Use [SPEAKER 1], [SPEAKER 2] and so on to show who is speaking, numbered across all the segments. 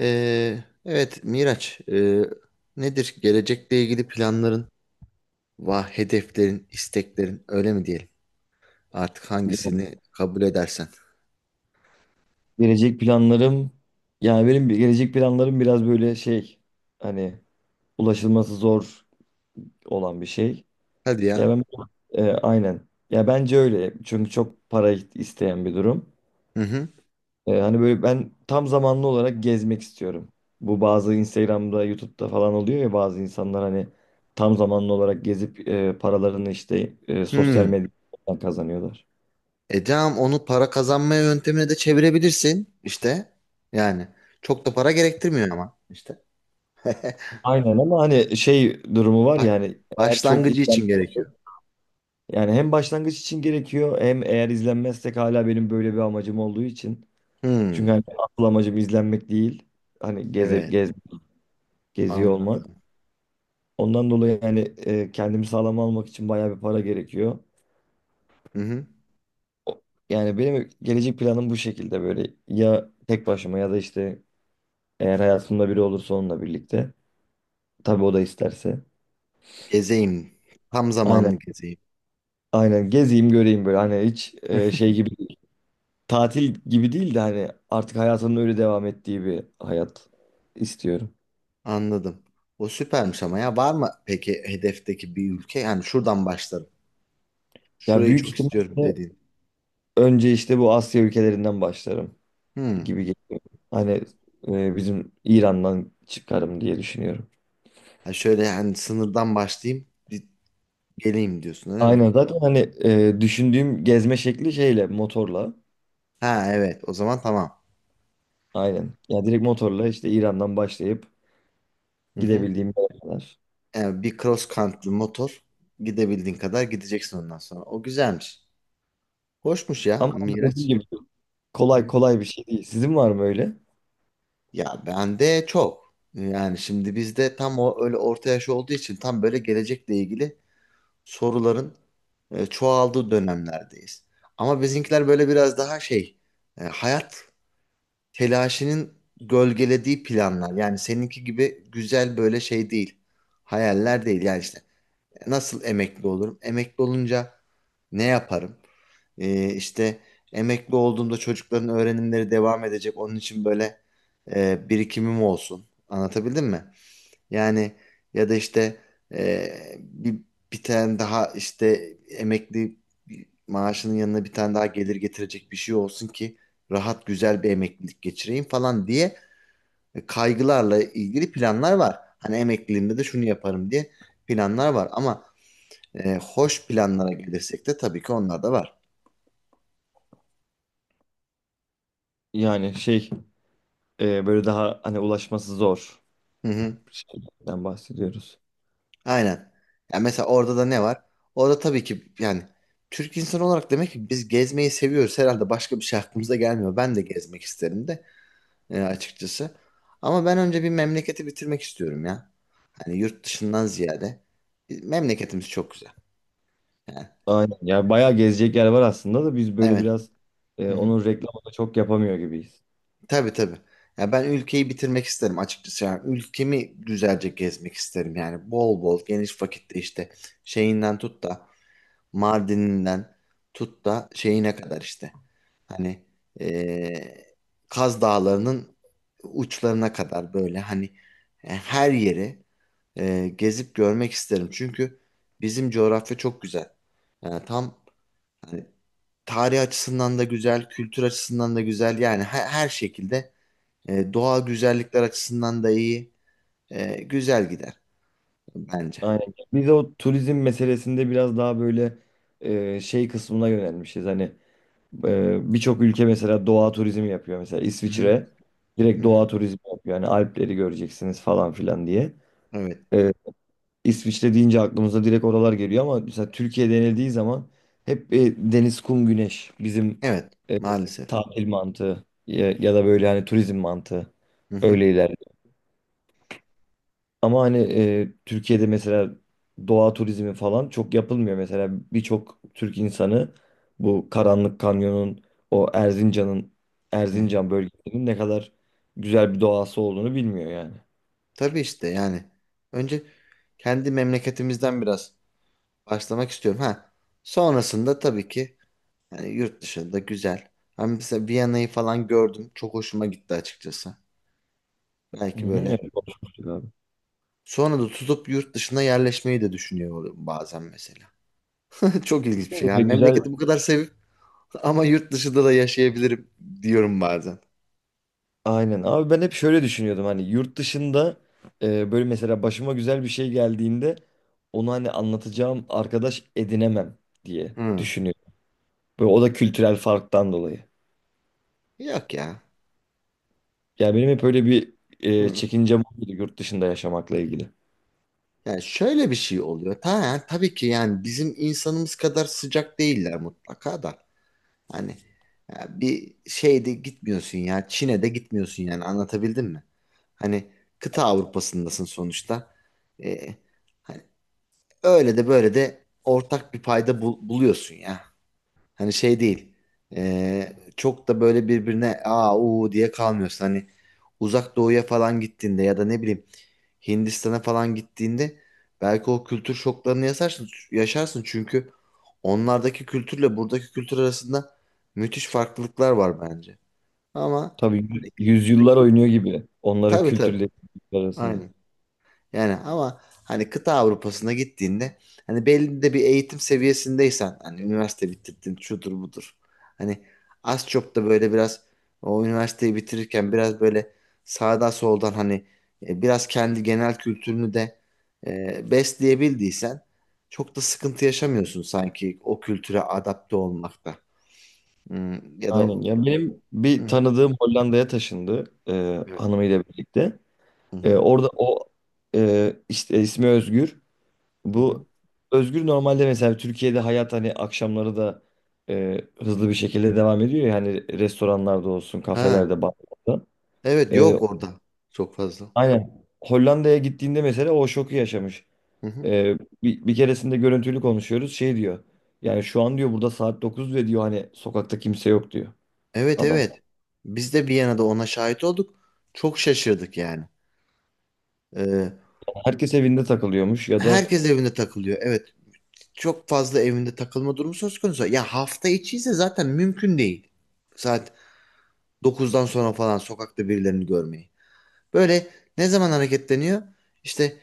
[SPEAKER 1] Evet Miraç, nedir gelecekle ilgili planların, va hedeflerin, isteklerin öyle mi diyelim? Artık
[SPEAKER 2] Ya,
[SPEAKER 1] hangisini kabul edersen.
[SPEAKER 2] gelecek planlarım, yani benim gelecek planlarım biraz böyle şey, hani ulaşılması zor olan bir şey.
[SPEAKER 1] Hadi
[SPEAKER 2] Ya
[SPEAKER 1] ya.
[SPEAKER 2] ben, aynen. Ya bence öyle. Çünkü çok para isteyen bir durum.
[SPEAKER 1] Hı hı.
[SPEAKER 2] Hani böyle ben tam zamanlı olarak gezmek istiyorum. Bu bazı Instagram'da, YouTube'da falan oluyor ya, bazı insanlar hani tam zamanlı olarak gezip paralarını işte sosyal
[SPEAKER 1] Hmm.
[SPEAKER 2] medyadan kazanıyorlar.
[SPEAKER 1] Tamam, onu para kazanma yöntemine de çevirebilirsin işte. Yani çok da para gerektirmiyor ama işte.
[SPEAKER 2] Aynen, ama hani şey durumu var ya,
[SPEAKER 1] Ba-
[SPEAKER 2] hani eğer çok
[SPEAKER 1] Başlangıcı için gerekiyor.
[SPEAKER 2] izlenmezse. Yani hem başlangıç için gerekiyor, hem eğer izlenmezsek hala benim böyle bir amacım olduğu için. Çünkü
[SPEAKER 1] Hmm.
[SPEAKER 2] hani asıl amacım izlenmek değil. Hani
[SPEAKER 1] Evet.
[SPEAKER 2] geziyor
[SPEAKER 1] Anladım.
[SPEAKER 2] olmak. Ondan dolayı yani kendimi sağlam almak için bayağı bir para gerekiyor.
[SPEAKER 1] Hı hı.
[SPEAKER 2] O- Yani benim gelecek planım bu şekilde, böyle ya tek başıma ya da işte eğer hayatımda biri olursa onunla birlikte. Tabii o da isterse.
[SPEAKER 1] Gezeyim. Tam
[SPEAKER 2] Aynen.
[SPEAKER 1] zamanlı gezeyim.
[SPEAKER 2] Aynen gezeyim, göreyim, böyle hani hiç şey gibi, tatil gibi değil de hani artık hayatının öyle devam ettiği bir hayat istiyorum.
[SPEAKER 1] Anladım. O süpermiş ama ya var mı peki hedefteki bir ülke? Yani şuradan başlarım.
[SPEAKER 2] Ya
[SPEAKER 1] Şurayı
[SPEAKER 2] büyük
[SPEAKER 1] çok istiyorum
[SPEAKER 2] ihtimalle
[SPEAKER 1] dediğin.
[SPEAKER 2] önce işte bu Asya ülkelerinden başlarım
[SPEAKER 1] Hmm.
[SPEAKER 2] gibi geliyor. Hani bizim İran'dan çıkarım diye düşünüyorum.
[SPEAKER 1] Ha, şöyle yani sınırdan başlayayım bir geleyim diyorsun öyle mi?
[SPEAKER 2] Aynen zaten hani düşündüğüm gezme şekli şeyle, motorla.
[SPEAKER 1] Ha, evet, o zaman tamam.
[SPEAKER 2] Aynen. Ya direkt motorla işte İran'dan başlayıp
[SPEAKER 1] Hı hı.
[SPEAKER 2] gidebildiğim yere kadar.
[SPEAKER 1] Yani bir cross country motor gidebildiğin kadar gideceksin ondan sonra. O güzelmiş. Hoşmuş ya
[SPEAKER 2] Ama dediğim
[SPEAKER 1] Miraç.
[SPEAKER 2] gibi
[SPEAKER 1] Hı
[SPEAKER 2] kolay
[SPEAKER 1] hı.
[SPEAKER 2] kolay bir şey değil. Sizin var mı öyle?
[SPEAKER 1] Ya bende çok. Yani şimdi bizde tam o öyle orta yaş olduğu için tam böyle gelecekle ilgili soruların çoğaldığı dönemlerdeyiz. Ama bizimkiler böyle biraz daha şey, hayat telaşının gölgelediği planlar. Yani seninki gibi güzel böyle şey değil. Hayaller değil. Yani işte nasıl emekli olurum? Emekli olunca ne yaparım? İşte emekli olduğumda çocukların öğrenimleri devam edecek. Onun için böyle birikimim olsun. Anlatabildim mi? Yani ya da işte e, bir, bir tane daha işte emekli maaşının yanına bir tane daha gelir getirecek bir şey olsun ki rahat güzel bir emeklilik geçireyim falan diye kaygılarla ilgili planlar var. Hani emekliliğimde de şunu yaparım diye planlar var, ama hoş planlara gelirsek de tabii ki onlar da var.
[SPEAKER 2] Yani şey, böyle daha hani ulaşması zor şeyden bahsediyoruz.
[SPEAKER 1] Aynen. Yani mesela orada da ne var? Orada tabii ki yani Türk insanı olarak demek ki biz gezmeyi seviyoruz. Herhalde başka bir şey aklımıza gelmiyor. Ben de gezmek isterim de açıkçası. Ama ben önce bir memleketi bitirmek istiyorum ya. Hani yurt dışından ziyade. Memleketimiz çok güzel. Yani,
[SPEAKER 2] Aynen. Ya bayağı gezecek yer var aslında da biz böyle
[SPEAKER 1] evet.
[SPEAKER 2] biraz
[SPEAKER 1] Hı hı.
[SPEAKER 2] onun reklamını çok yapamıyor gibiyiz.
[SPEAKER 1] Tabii tabii. Ya ben ülkeyi bitirmek isterim açıkçası. Yani ülkemi güzelce gezmek isterim. Yani bol bol geniş vakitte işte şeyinden tut da Mardin'inden tut da şeyine kadar işte. Hani eee, Kaz Dağları'nın uçlarına kadar, böyle hani her yeri gezip görmek isterim. Çünkü bizim coğrafya çok güzel. Yani tam hani, tarih açısından da güzel, kültür açısından da güzel. Yani her, her şekilde doğal güzellikler açısından da iyi. Güzel gider bence.
[SPEAKER 2] Aynen. Biz o turizm meselesinde biraz daha böyle şey kısmına yönelmişiz. Hani birçok ülke mesela doğa turizmi yapıyor. Mesela
[SPEAKER 1] Hı hı,
[SPEAKER 2] İsviçre
[SPEAKER 1] hı
[SPEAKER 2] direkt doğa
[SPEAKER 1] hı.
[SPEAKER 2] turizmi yapıyor. Yani Alpleri göreceksiniz falan filan diye.
[SPEAKER 1] Evet.
[SPEAKER 2] E, İsviçre deyince aklımıza direkt oralar geliyor, ama mesela Türkiye denildiği zaman hep deniz, kum, güneş bizim
[SPEAKER 1] Evet.
[SPEAKER 2] e,
[SPEAKER 1] Maalesef.
[SPEAKER 2] tatil mantığı ya, ya da böyle hani turizm mantığı
[SPEAKER 1] Hı hı.
[SPEAKER 2] öyle ilerliyor. Ama hani Türkiye'de mesela doğa turizmi falan çok yapılmıyor. Mesela birçok Türk insanı bu Karanlık Kanyon'un, o Erzincan'ın,
[SPEAKER 1] Hı.
[SPEAKER 2] Erzincan bölgesinin ne kadar güzel bir doğası olduğunu bilmiyor yani.
[SPEAKER 1] Tabii işte yani. Önce kendi memleketimizden biraz başlamak istiyorum. Ha. Sonrasında tabii ki yani yurt dışında güzel. Ben mesela Viyana'yı falan gördüm. Çok hoşuma gitti açıkçası.
[SPEAKER 2] Hı
[SPEAKER 1] Belki
[SPEAKER 2] hı,
[SPEAKER 1] böyle
[SPEAKER 2] evet, konuşmuştuk abi.
[SPEAKER 1] sonra da tutup yurt dışına yerleşmeyi de düşünüyor oluyorum bazen mesela. Çok ilginç bir şey.
[SPEAKER 2] Böyle
[SPEAKER 1] Yani
[SPEAKER 2] güzel.
[SPEAKER 1] memleketi bu kadar sevip ama yurt dışında da yaşayabilirim diyorum bazen.
[SPEAKER 2] Aynen. Abi ben hep şöyle düşünüyordum, hani yurt dışında böyle mesela başıma güzel bir şey geldiğinde onu hani anlatacağım arkadaş edinemem diye
[SPEAKER 1] Hı.
[SPEAKER 2] düşünüyorum. Böyle, o da kültürel farktan dolayı.
[SPEAKER 1] Yok ya.
[SPEAKER 2] Yani benim hep öyle bir
[SPEAKER 1] Hı.
[SPEAKER 2] çekincem oldu yurt dışında yaşamakla ilgili.
[SPEAKER 1] Yani şöyle bir şey oluyor. Tabii ki yani bizim insanımız kadar sıcak değiller mutlaka da. Hani ya bir şeyde gitmiyorsun ya. Çin'e de gitmiyorsun, yani anlatabildim mi? Hani kıta Avrupa'sındasın sonuçta. Ee, hani öyle de böyle de ortak bir payda buluyorsun ya. Hani şey değil. Çok da böyle birbirine aa uu diye kalmıyorsun. Hani uzak doğuya falan gittiğinde ya da ne bileyim Hindistan'a falan gittiğinde belki o kültür şoklarını yaşarsın, yaşarsın, çünkü onlardaki kültürle buradaki kültür arasında müthiş farklılıklar var bence. Ama
[SPEAKER 2] Tabii
[SPEAKER 1] hani,
[SPEAKER 2] yüzyıllar oynuyor gibi onların
[SPEAKER 1] tabii tabii.
[SPEAKER 2] kültürleri arasında.
[SPEAKER 1] Aynen. Yani ama hani kıta Avrupa'sına gittiğinde hani belli de bir eğitim seviyesindeysen, hani üniversite bitirdin şudur budur. Hani az çok da böyle biraz o üniversiteyi bitirirken biraz böyle sağdan soldan hani biraz kendi genel kültürünü de besleyebildiysen çok da sıkıntı yaşamıyorsun sanki o kültüre adapte olmakta. Hmm, ya da.
[SPEAKER 2] Aynen. Yani benim
[SPEAKER 1] Hı
[SPEAKER 2] bir
[SPEAKER 1] hı.
[SPEAKER 2] tanıdığım Hollanda'ya taşındı,
[SPEAKER 1] Evet.
[SPEAKER 2] hanımıyla birlikte.
[SPEAKER 1] Hı
[SPEAKER 2] E,
[SPEAKER 1] hı.
[SPEAKER 2] orada o, işte ismi Özgür.
[SPEAKER 1] Hı hı.
[SPEAKER 2] Bu Özgür, normalde mesela Türkiye'de hayat hani akşamları da e, hızlı bir şekilde devam ediyor ya, hani restoranlarda olsun,
[SPEAKER 1] Ha,
[SPEAKER 2] kafelerde, barlarda.
[SPEAKER 1] evet,
[SPEAKER 2] E,
[SPEAKER 1] yok orada çok fazla.
[SPEAKER 2] aynen. Hollanda'ya gittiğinde mesela o şoku yaşamış.
[SPEAKER 1] Hı hı.
[SPEAKER 2] E, bir keresinde görüntülü konuşuyoruz. Şey diyor. Yani şu an diyor burada saat 9, ve diyor hani sokakta kimse yok diyor
[SPEAKER 1] Evet,
[SPEAKER 2] adam.
[SPEAKER 1] evet. Biz de Viyana'da ona şahit olduk. Çok şaşırdık yani. Ee,
[SPEAKER 2] Herkes evinde takılıyormuş ya da.
[SPEAKER 1] herkes evinde takılıyor. Evet. Çok fazla evinde takılma durumu söz konusu. Ya hafta içi ise zaten mümkün değil. Saat 9'dan sonra falan sokakta birilerini görmeyi. Böyle ne zaman hareketleniyor? İşte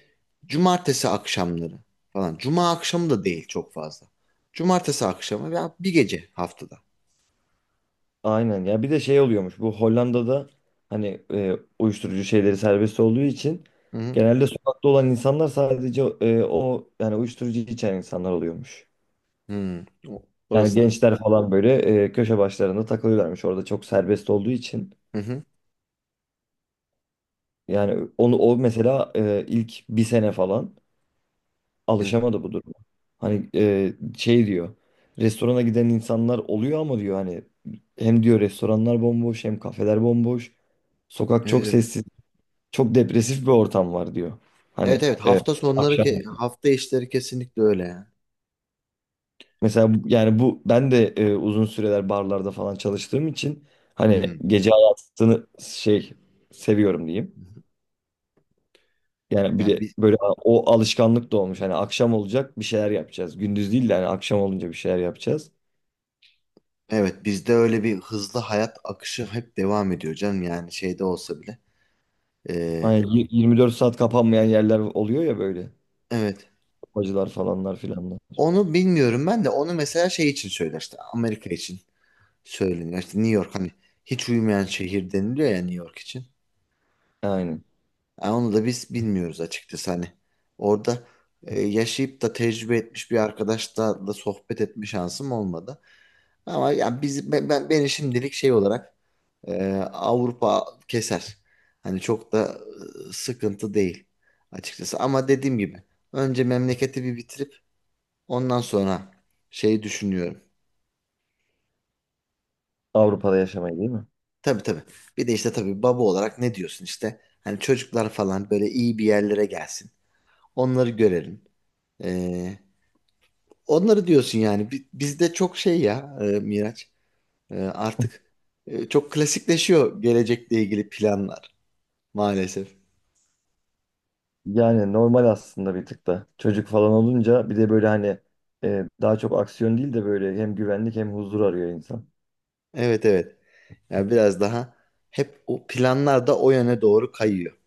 [SPEAKER 1] cumartesi akşamları falan. Cuma akşamı da değil çok fazla. Cumartesi akşamı veya bir gece haftada.
[SPEAKER 2] Aynen, ya bir de şey oluyormuş bu Hollanda'da, hani uyuşturucu şeyleri serbest olduğu için
[SPEAKER 1] Hı hı.
[SPEAKER 2] genelde sokakta olan insanlar sadece o, yani uyuşturucu içen insanlar oluyormuş.
[SPEAKER 1] Hı.
[SPEAKER 2] Yani
[SPEAKER 1] Orasını.
[SPEAKER 2] gençler falan böyle köşe başlarında takılıyorlarmış, orada çok serbest olduğu için.
[SPEAKER 1] Hı hı.
[SPEAKER 2] Yani onu o mesela ilk bir sene falan
[SPEAKER 1] Evet.
[SPEAKER 2] alışamadı bu duruma. Hani şey diyor, restorana giden insanlar oluyor ama, diyor hani, hem diyor restoranlar bomboş, hem kafeler bomboş. Sokak çok
[SPEAKER 1] Evet.
[SPEAKER 2] sessiz. Çok depresif bir ortam var diyor. Hani
[SPEAKER 1] Evet evet, hafta sonları
[SPEAKER 2] akşam
[SPEAKER 1] hafta işleri kesinlikle öyle yani.
[SPEAKER 2] mesela yani bu ben de uzun süreler barlarda falan çalıştığım için hani
[SPEAKER 1] Hmm.
[SPEAKER 2] gece hayatını şey, seviyorum diyeyim. Yani bir
[SPEAKER 1] Yani
[SPEAKER 2] de
[SPEAKER 1] biz,
[SPEAKER 2] böyle o alışkanlık da olmuş. Hani akşam olacak bir şeyler yapacağız. Gündüz değil de hani akşam olunca bir şeyler yapacağız.
[SPEAKER 1] evet, bizde öyle bir hızlı hayat akışı hep devam ediyor canım, yani şeyde olsa bile. Ee,
[SPEAKER 2] Hani 24 saat kapanmayan yerler oluyor ya böyle.
[SPEAKER 1] evet.
[SPEAKER 2] Bacılar falanlar filanlar.
[SPEAKER 1] Onu bilmiyorum, ben de onu mesela şey için söyler işte, Amerika için söyleniyor. İşte New York hani hiç uyumayan şehir deniliyor ya New York için.
[SPEAKER 2] Aynen.
[SPEAKER 1] Yani onu da biz bilmiyoruz açıkçası hani. Orada yaşayıp da tecrübe etmiş bir arkadaşla da sohbet etme şansım olmadı. Ama ya biz beni şimdilik şey olarak Avrupa keser. Hani çok da sıkıntı değil açıkçası. Ama dediğim gibi önce memleketi bir bitirip ondan sonra şeyi düşünüyorum.
[SPEAKER 2] Avrupa'da yaşamayı, değil mi?
[SPEAKER 1] Tabii tabii. Bir de işte tabii baba olarak ne diyorsun işte. Hani çocuklar falan böyle iyi bir yerlere gelsin. Onları görelim. Ee, onları diyorsun yani. Bizde çok şey ya Miraç. Artık çok klasikleşiyor gelecekle ilgili planlar maalesef.
[SPEAKER 2] Yani normal aslında bir tık da. Çocuk falan olunca bir de böyle hani daha çok aksiyon değil de böyle hem güvenlik hem huzur arıyor insan.
[SPEAKER 1] Evet evet. Yani biraz daha hep o planlar da o yöne doğru kayıyor.